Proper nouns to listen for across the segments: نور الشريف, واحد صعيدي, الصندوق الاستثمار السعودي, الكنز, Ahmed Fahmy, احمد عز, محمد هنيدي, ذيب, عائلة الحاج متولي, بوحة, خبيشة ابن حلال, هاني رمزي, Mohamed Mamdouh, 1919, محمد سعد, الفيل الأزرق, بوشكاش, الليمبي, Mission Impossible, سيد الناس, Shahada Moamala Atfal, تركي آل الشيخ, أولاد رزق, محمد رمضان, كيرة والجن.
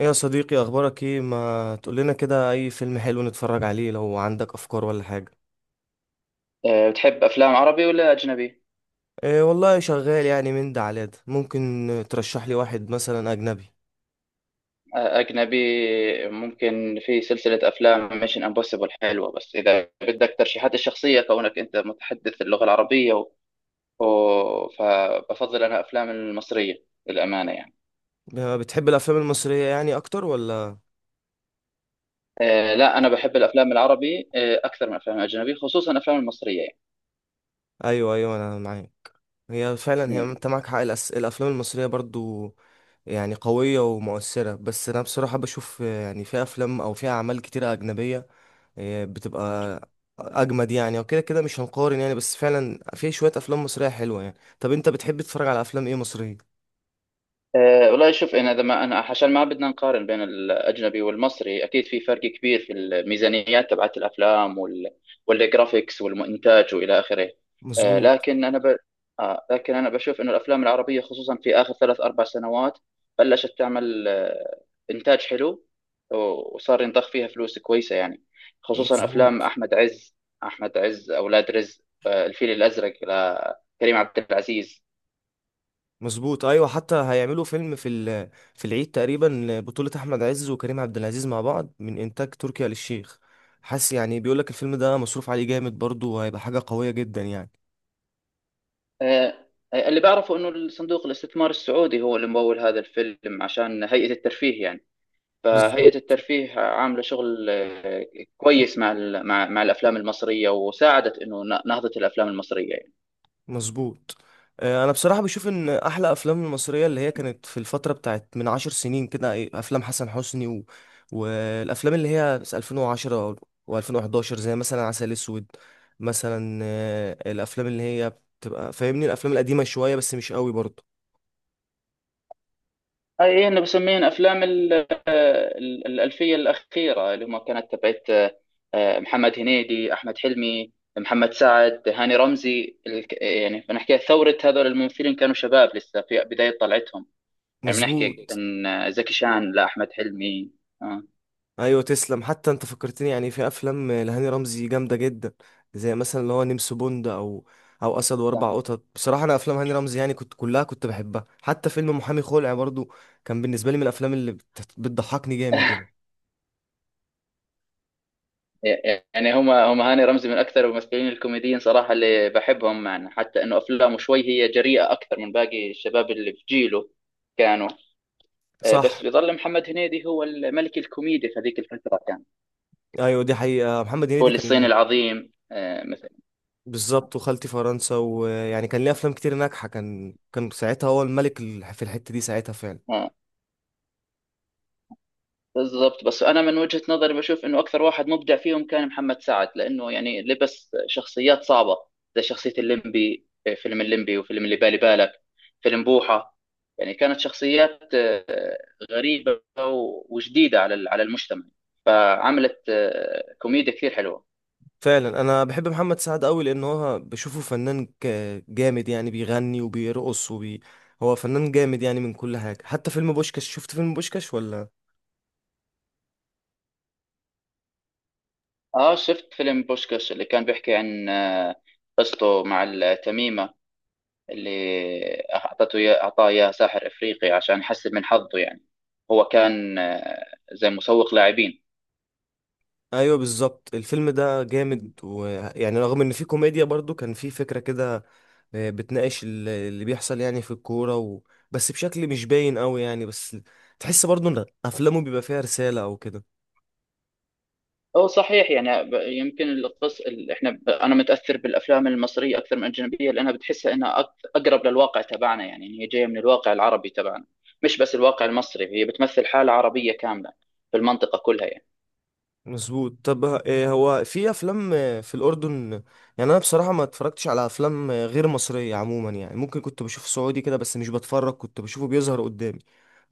ايه يا صديقي، اخبارك ايه؟ ما تقول لنا كده، اي فيلم حلو نتفرج عليه لو عندك افكار ولا حاجه؟ بتحب أفلام عربي ولا أجنبي؟ إيه والله شغال يعني، من ده على ده ممكن. ترشح لي واحد مثلا اجنبي. أجنبي. ممكن في سلسلة أفلام ميشن امبوسيبل حلوة، بس إذا بدك ترشيحات الشخصية كونك أنت متحدث اللغة العربية و... فبفضل أنا أفلام المصرية للأمانة، يعني. بتحب الافلام المصريه يعني اكتر ولا؟ لا، أنا بحب الأفلام العربي أكثر من الأفلام الأجنبي، خصوصا الأفلام المصرية، ايوه ايوه انا معاك. هي فعلا، هي يعني. انت معاك حق الافلام المصريه برضو يعني قويه ومؤثره، بس انا بصراحه بشوف يعني في افلام او في اعمال كتيره اجنبيه، إيه، بتبقى اجمد يعني، وكده كده مش هنقارن يعني، بس فعلا في شويه افلام مصريه حلوه يعني. طب انت بتحب تتفرج على افلام ايه مصريه؟ والله شوف، انا اذا ما انا عشان ما بدنا نقارن بين الاجنبي والمصري، اكيد في فرق كبير في الميزانيات تبعت الافلام والجرافيكس والمونتاج والى اخره. أه مظبوط. لكن انا ب... آه لكن انا بشوف انه الافلام العربيه خصوصا في اخر ثلاث اربع سنوات بلشت تعمل انتاج حلو، وصار ينضخ فيها فلوس كويسه يعني. خصوصا افلام مظبوط. احمد عز، اولاد رزق، الفيل الازرق لكريم عبد العزيز. مظبوط. ايوه، حتى هيعملوا فيلم في العيد تقريبا بطوله احمد عز وكريم عبد العزيز مع بعض من انتاج تركي آل الشيخ. حاسس يعني بيقول لك الفيلم ده مصروف عليه جامد برضه، وهيبقى حاجه قويه جدا يعني. آه، اللي بعرفه انه الصندوق الاستثمار السعودي هو اللي ممول هذا الفيلم عشان هيئة الترفيه يعني. فهيئة بالظبط. الترفيه عاملة شغل كويس مع ال- مع مع الافلام المصرية، وساعدت انه نهضة الافلام المصرية يعني. مظبوط. انا بصراحه بشوف ان احلى افلام المصريه اللي هي كانت في الفتره بتاعت من 10 سنين كده، إيه، افلام حسن حسني والافلام اللي هي 2010 و2011 زي مثلا عسل اسود مثلا. الافلام اللي هي بتبقى فاهمني، الافلام القديمه شويه بس مش قوي برضه. اي، انا بسميهم افلام الالفية الاخيرة، اللي هم كانت تبعت محمد هنيدي، احمد حلمي، محمد سعد، هاني رمزي. يعني بنحكي ثورة. هذول الممثلين كانوا شباب لسه في بداية طلعتهم، يعني بنحكي مظبوط. ان زكي شان لاحمد حلمي. اه، ايوه تسلم، حتى انت فكرتني يعني في افلام لهاني رمزي جامده جدا، زي مثلا اللي هو نمس بوند او اسد واربع صح. قطط. بصراحه انا افلام هاني رمزي يعني كنت كلها كنت بحبها، حتى فيلم محامي خلع برضو كان بالنسبه لي من الافلام اللي بتضحكني جامد يعني. يعني هم هاني رمزي من اكثر الممثلين الكوميديين صراحه اللي بحبهم معنا، حتى انه افلامه شوي هي جريئه اكثر من باقي الشباب اللي في جيله كانوا. صح. بس بيظل محمد هنيدي هو الملك الكوميدي في هذيك الفتره كان. ايوه دي حقيقه، محمد هنيدي فول الصين كان. العظيم مثلا. بالظبط، وخالتي فرنسا، ويعني كان ليه افلام كتير ناجحه، كان ساعتها هو الملك في الحته دي ساعتها فعلا. آه. بالضبط. بس انا من وجهة نظري بشوف انه اكثر واحد مبدع فيهم كان محمد سعد، لانه يعني لبس شخصيات صعبة زي شخصية الليمبي. فيلم الليمبي، وفيلم اللي بالي بالك، فيلم بوحة. يعني كانت شخصيات غريبة وجديدة على على المجتمع، فعملت كوميديا كثير حلوة. فعلا انا بحب محمد سعد قوي، لان هو بشوفه فنان جامد يعني، بيغني وبيرقص هو فنان جامد يعني من كل حاجة. حتى فيلم بوشكاش، شفت فيلم بوشكاش ولا؟ اه، شفت فيلم بوشكاش، اللي كان بيحكي عن قصته مع التميمة اللي أعطاه إياه ساحر إفريقي عشان يحسن من حظه يعني. هو كان زي مسوق لاعبين. ايوه بالظبط، الفيلم ده جامد، ويعني رغم ان فيه كوميديا برضو كان فيه فكرة كده، بتناقش اللي بيحصل يعني في الكورة بس بشكل مش باين قوي يعني، بس تحس برضو ان افلامه بيبقى فيها رسالة او كده. هو صحيح يعني، يمكن القص ال- احنا ب- انا متاثر بالافلام المصريه اكثر من الاجنبيه، لانها بتحسها انها اقرب للواقع تبعنا يعني، إن هي جايه من الواقع العربي تبعنا. مش بس الواقع المصري، هي بتمثل حاله عربيه كامله في المنطقه كلها يعني. مظبوط. طب إيه، هو في افلام في الاردن؟ يعني انا بصراحه ما اتفرجتش على افلام غير مصريه عموما يعني، ممكن كنت بشوف سعودي كده بس مش بتفرج، كنت بشوفه بيظهر قدامي.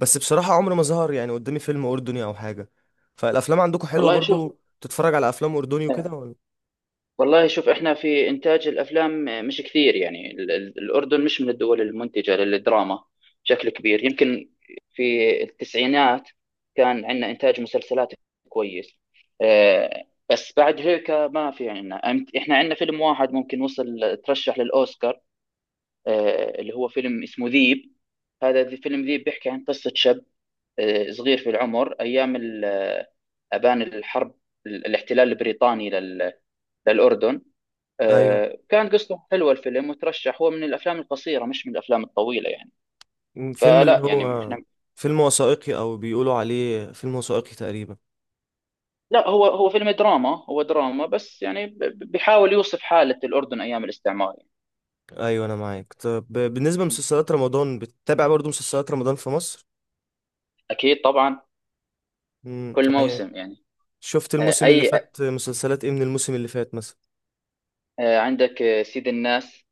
بس بصراحه عمر ما ظهر يعني قدامي فيلم اردني او حاجه. فالافلام عندكم حلوه والله شوف، برضو؟ تتفرج على افلام اردني وكده ولا؟ والله شوف، احنا في انتاج الافلام مش كثير يعني. الاردن مش من الدول المنتجه للدراما بشكل كبير. يمكن في التسعينات كان عندنا انتاج مسلسلات كويس، آه، بس بعد هيك ما في عندنا. احنا عندنا فيلم واحد ممكن وصل، ترشح للاوسكار، اللي هو فيلم اسمه ذيب. فيلم ذيب بيحكي عن قصه شاب صغير في العمر ايام آبان الحرب، الاحتلال البريطاني للاردن. ايوه. كان قصته حلوه الفيلم، وترشح هو من الافلام القصيره مش من الافلام الطويله يعني. فيلم فلا اللي يعني هو احنا. فيلم وثائقي، او بيقولوا عليه فيلم وثائقي تقريبا. لا، هو هو فيلم دراما، هو دراما، بس يعني بيحاول يوصف حاله الاردن ايام الاستعمار يعني. ايوه انا معاك. طب بالنسبه لمسلسلات رمضان، بتتابع برضو مسلسلات رمضان في مصر؟ اكيد طبعا، امم. كل موسم يعني. شفت الموسم اللي اي، فات مسلسلات ايه من الموسم اللي فات مثلا؟ عندك سيد الناس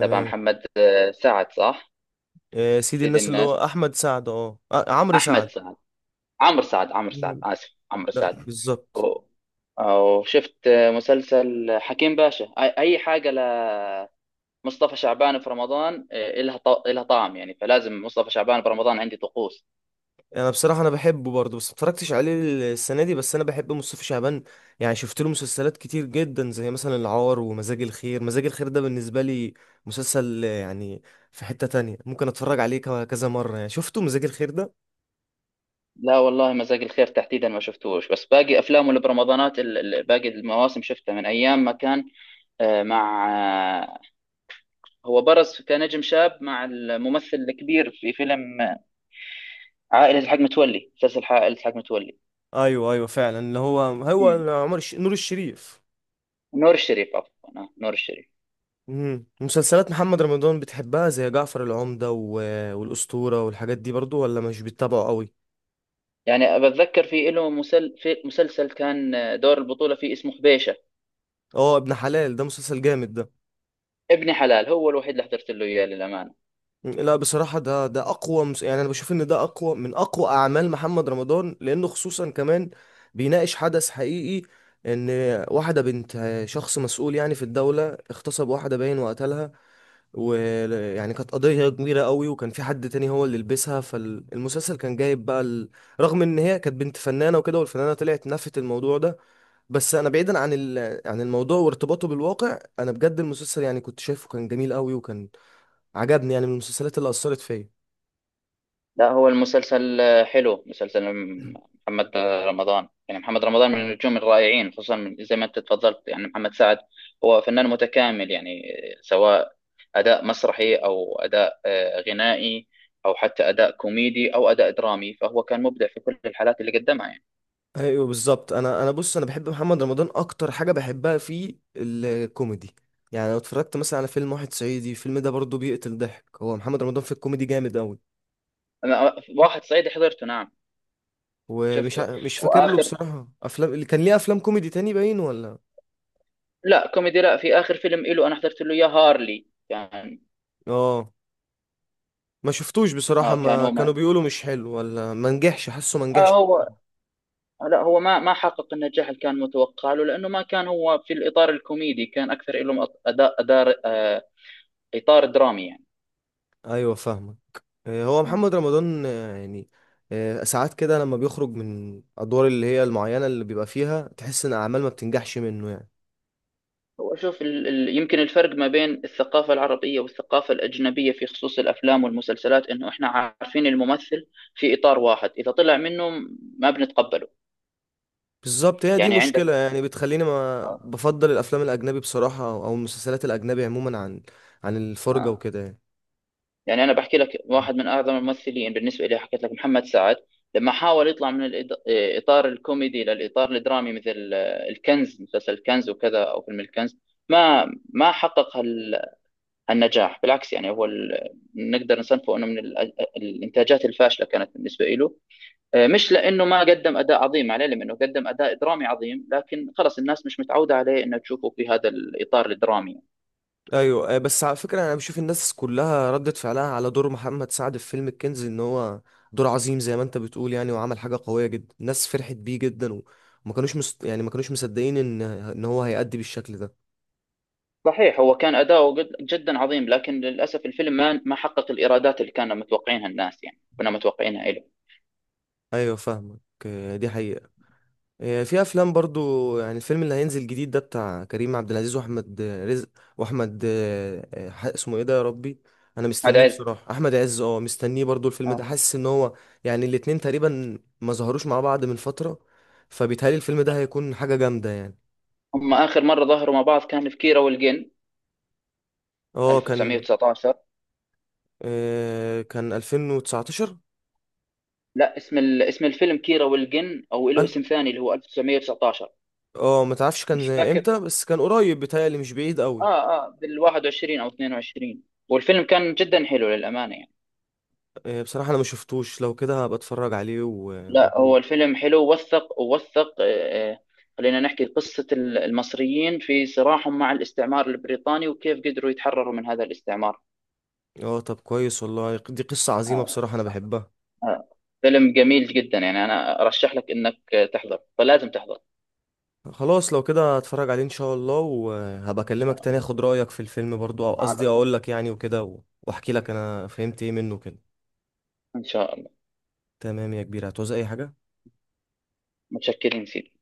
تبع محمد سعد، صح. سيدي سيد الناس اللي هو الناس، احمد سعد، عمرو احمد سعد. سعد، عمرو سعد، عمرو سعد، مم. اسف، عمرو لا سعد. بالظبط. و- وشفت مسلسل حكيم باشا. أي، أي حاجة مصطفى شعبان في رمضان إلها إلها طعم، يعني فلازم مصطفى شعبان في رمضان عندي طقوس. انا بصراحه انا بحبه برضه، بس ما اتفرجتش عليه السنه دي، بس انا بحب مصطفى شعبان يعني، شفت له مسلسلات كتير جدا، زي مثلا العار ومزاج الخير. مزاج الخير ده بالنسبه لي مسلسل، يعني في حته تانية ممكن اتفرج عليه كذا مره يعني، شفته مزاج الخير ده. لا والله، مزاج الخير تحديدا ما شفتوش، بس باقي أفلامه اللي برمضانات باقي المواسم شفتها من أيام ما كان آه، مع آه، هو برز كنجم شاب مع الممثل الكبير في فيلم عائلة الحاج متولي، مسلسل عائلة الحاج متولي. ايوه ايوه فعلا، اللي هو مم. هو نور الشريف. نور الشريف، عفوا نور الشريف. مسلسلات محمد رمضان بتحبها زي جعفر العمدة والأسطورة والحاجات دي برضو، ولا مش بتتابعه قوي؟ يعني بتذكر في له في مسلسل كان دور البطولة فيه، اسمه خبيشة. اه ابن حلال، ده مسلسل جامد ده. ابن حلال هو الوحيد اللي حضرت له إياه، للأمانة. لا بصراحة، ده أقوى يعني أنا بشوف إن ده أقوى من أقوى أعمال محمد رمضان، لأنه خصوصا كمان بيناقش حدث حقيقي، إن واحدة بنت شخص مسؤول يعني في الدولة اغتصب واحدة باين وقتلها، ويعني كانت قضية كبيرة قوي، وكان في حد تاني هو اللي لبسها، فالمسلسل كان جايب بقى رغم ان هي كانت بنت فنانة وكده، والفنانة طلعت نفت الموضوع ده. بس انا بعيدا عن عن الموضوع وارتباطه بالواقع، انا بجد المسلسل يعني كنت شايفه كان جميل قوي، وكان عجبني يعني، من المسلسلات اللي اثرت فيا. لا، هو المسلسل حلو، مسلسل محمد رمضان. يعني محمد رمضان من النجوم الرائعين، خصوصا زي ما انت تفضلت يعني محمد سعد هو فنان متكامل يعني، سواء أداء مسرحي أو أداء غنائي أو حتى أداء كوميدي أو أداء درامي، فهو كان مبدع في كل الحالات اللي قدمها يعني. ايوه بالظبط. انا انا بص، انا بحب محمد رمضان، اكتر حاجة بحبها فيه الكوميدي يعني، لو اتفرجت مثلا على فيلم واحد صعيدي، الفيلم ده برضه بيقتل ضحك، هو محمد رمضان في الكوميدي جامد قوي. أنا واحد صعيدي حضرته، نعم، ومش شفته. مش فاكر له وآخر، بصراحة افلام، اللي كان ليه افلام كوميدي تاني باين ولا؟ لا، كوميدي لا. في آخر فيلم إله أنا حضرت له، يا هارلي، كان اه ما شفتوش بصراحة، كان ما هو كانوا معنا. بيقولوا مش حلو ولا ما نجحش، حاسه ما آه نجحش. هو لا، هو ما ما حقق النجاح اللي كان متوقع له، لانه ما كان هو في الاطار الكوميدي، كان اكثر له أط- أداء أدار آه، اطار درامي يعني. ايوه فاهمك. هو مم. محمد رمضان، يعني ساعات كده لما بيخرج من ادوار اللي هي المعينة اللي بيبقى فيها، تحس ان اعمال ما بتنجحش منه يعني. هو شوف، يمكن الفرق ما بين الثقافة العربية والثقافة الأجنبية في خصوص الأفلام والمسلسلات إنه إحنا عارفين الممثل في إطار واحد، إذا طلع منه ما بنتقبله. بالظبط، هي دي يعني مشكلة عندك يعني، بتخليني ما آه. بفضل الافلام الاجنبي بصراحة، أو المسلسلات الاجنبي عموما، عن الفرجة آه، وكده يعني. يعني أنا بحكي لك واحد من أعظم الممثلين بالنسبة لي، حكيت لك محمد سعد، لما حاول يطلع من الإطار الكوميدي للإطار الدرامي مثل الكنز، مسلسل الكنز وكذا أو فيلم الكنز، ما ما حقق هالنجاح. بالعكس يعني، هو نقدر نصنفه انه من الانتاجات الفاشله كانت بالنسبه له. مش لانه ما قدم اداء عظيم عليه، لانه قدم اداء درامي عظيم، لكن خلص الناس مش متعوده عليه انها تشوفه في هذا الاطار الدرامي. ايوه. بس على فكره، انا بشوف الناس كلها ردت فعلها على دور محمد سعد في فيلم الكنز، ان هو دور عظيم زي ما انت بتقول يعني، وعمل حاجه قويه جدا، الناس فرحت بيه جدا، وما كانوش يعني ما كانوش مصدقين ان هو هيأدي بالشكل ده. صحيح، هو كان جدا عظيم، لكن للأسف الفيلم ما ما حقق الإيرادات اللي كانوا متوقعينها الناس يعني، كنا متوقعينها له. ايوه فاهمك. دي حقيقه. في افلام برضو يعني، الفيلم اللي هينزل جديد ده بتاع كريم عبد العزيز واحمد رزق واحمد، اسمه ايه ده يا ربي؟ انا هذا مستنيه عز. بصراحه، احمد عز، اه مستنيه برضو الفيلم ده، آه. حاسس ان هو يعني الاتنين تقريبا ما ظهروش مع بعض من فتره، فبيتهيألي الفيلم ده هيكون حاجه جامده يعني. هم آخر مرة ظهروا مع بعض كان في كيرة والجن، اه كان 1919. آه، كان 2019. لا، اسم الفيلم كيرة والجن، أو له أل- اسم ثاني اللي هو 1919. اه ما تعرفش كان مش زي فاكر. امتى، بس كان قريب بيتهيألي، مش بعيد قوي. بال 21 أو 22، والفيلم كان جدا حلو للأمانة يعني. بصراحه انا ما شفتوش، لو كده هبقى اتفرج عليه لا، واقول. هو الفيلم حلو، ووثق خلينا نحكي قصة المصريين في صراعهم مع الاستعمار البريطاني، وكيف قدروا يتحرروا من هذا الاستعمار. اه طب كويس والله، دي قصة عظيمة آه، بصراحة انا بحبها. آه، فيلم جميل جدا يعني، أنا أرشح لك إنك تحضر، فلازم تحضر. خلاص لو كده هتفرج عليه ان شاء الله، وهبقى إن اكلمك شاء تاني الله، اخد رأيك في الفيلم برضو، او على قصدي طول، اقول لك يعني وكده واحكي لك انا فهمت ايه منه كده. إن شاء الله. تمام يا كبير، هتعوز اي حاجة؟ متشكرين سيدي.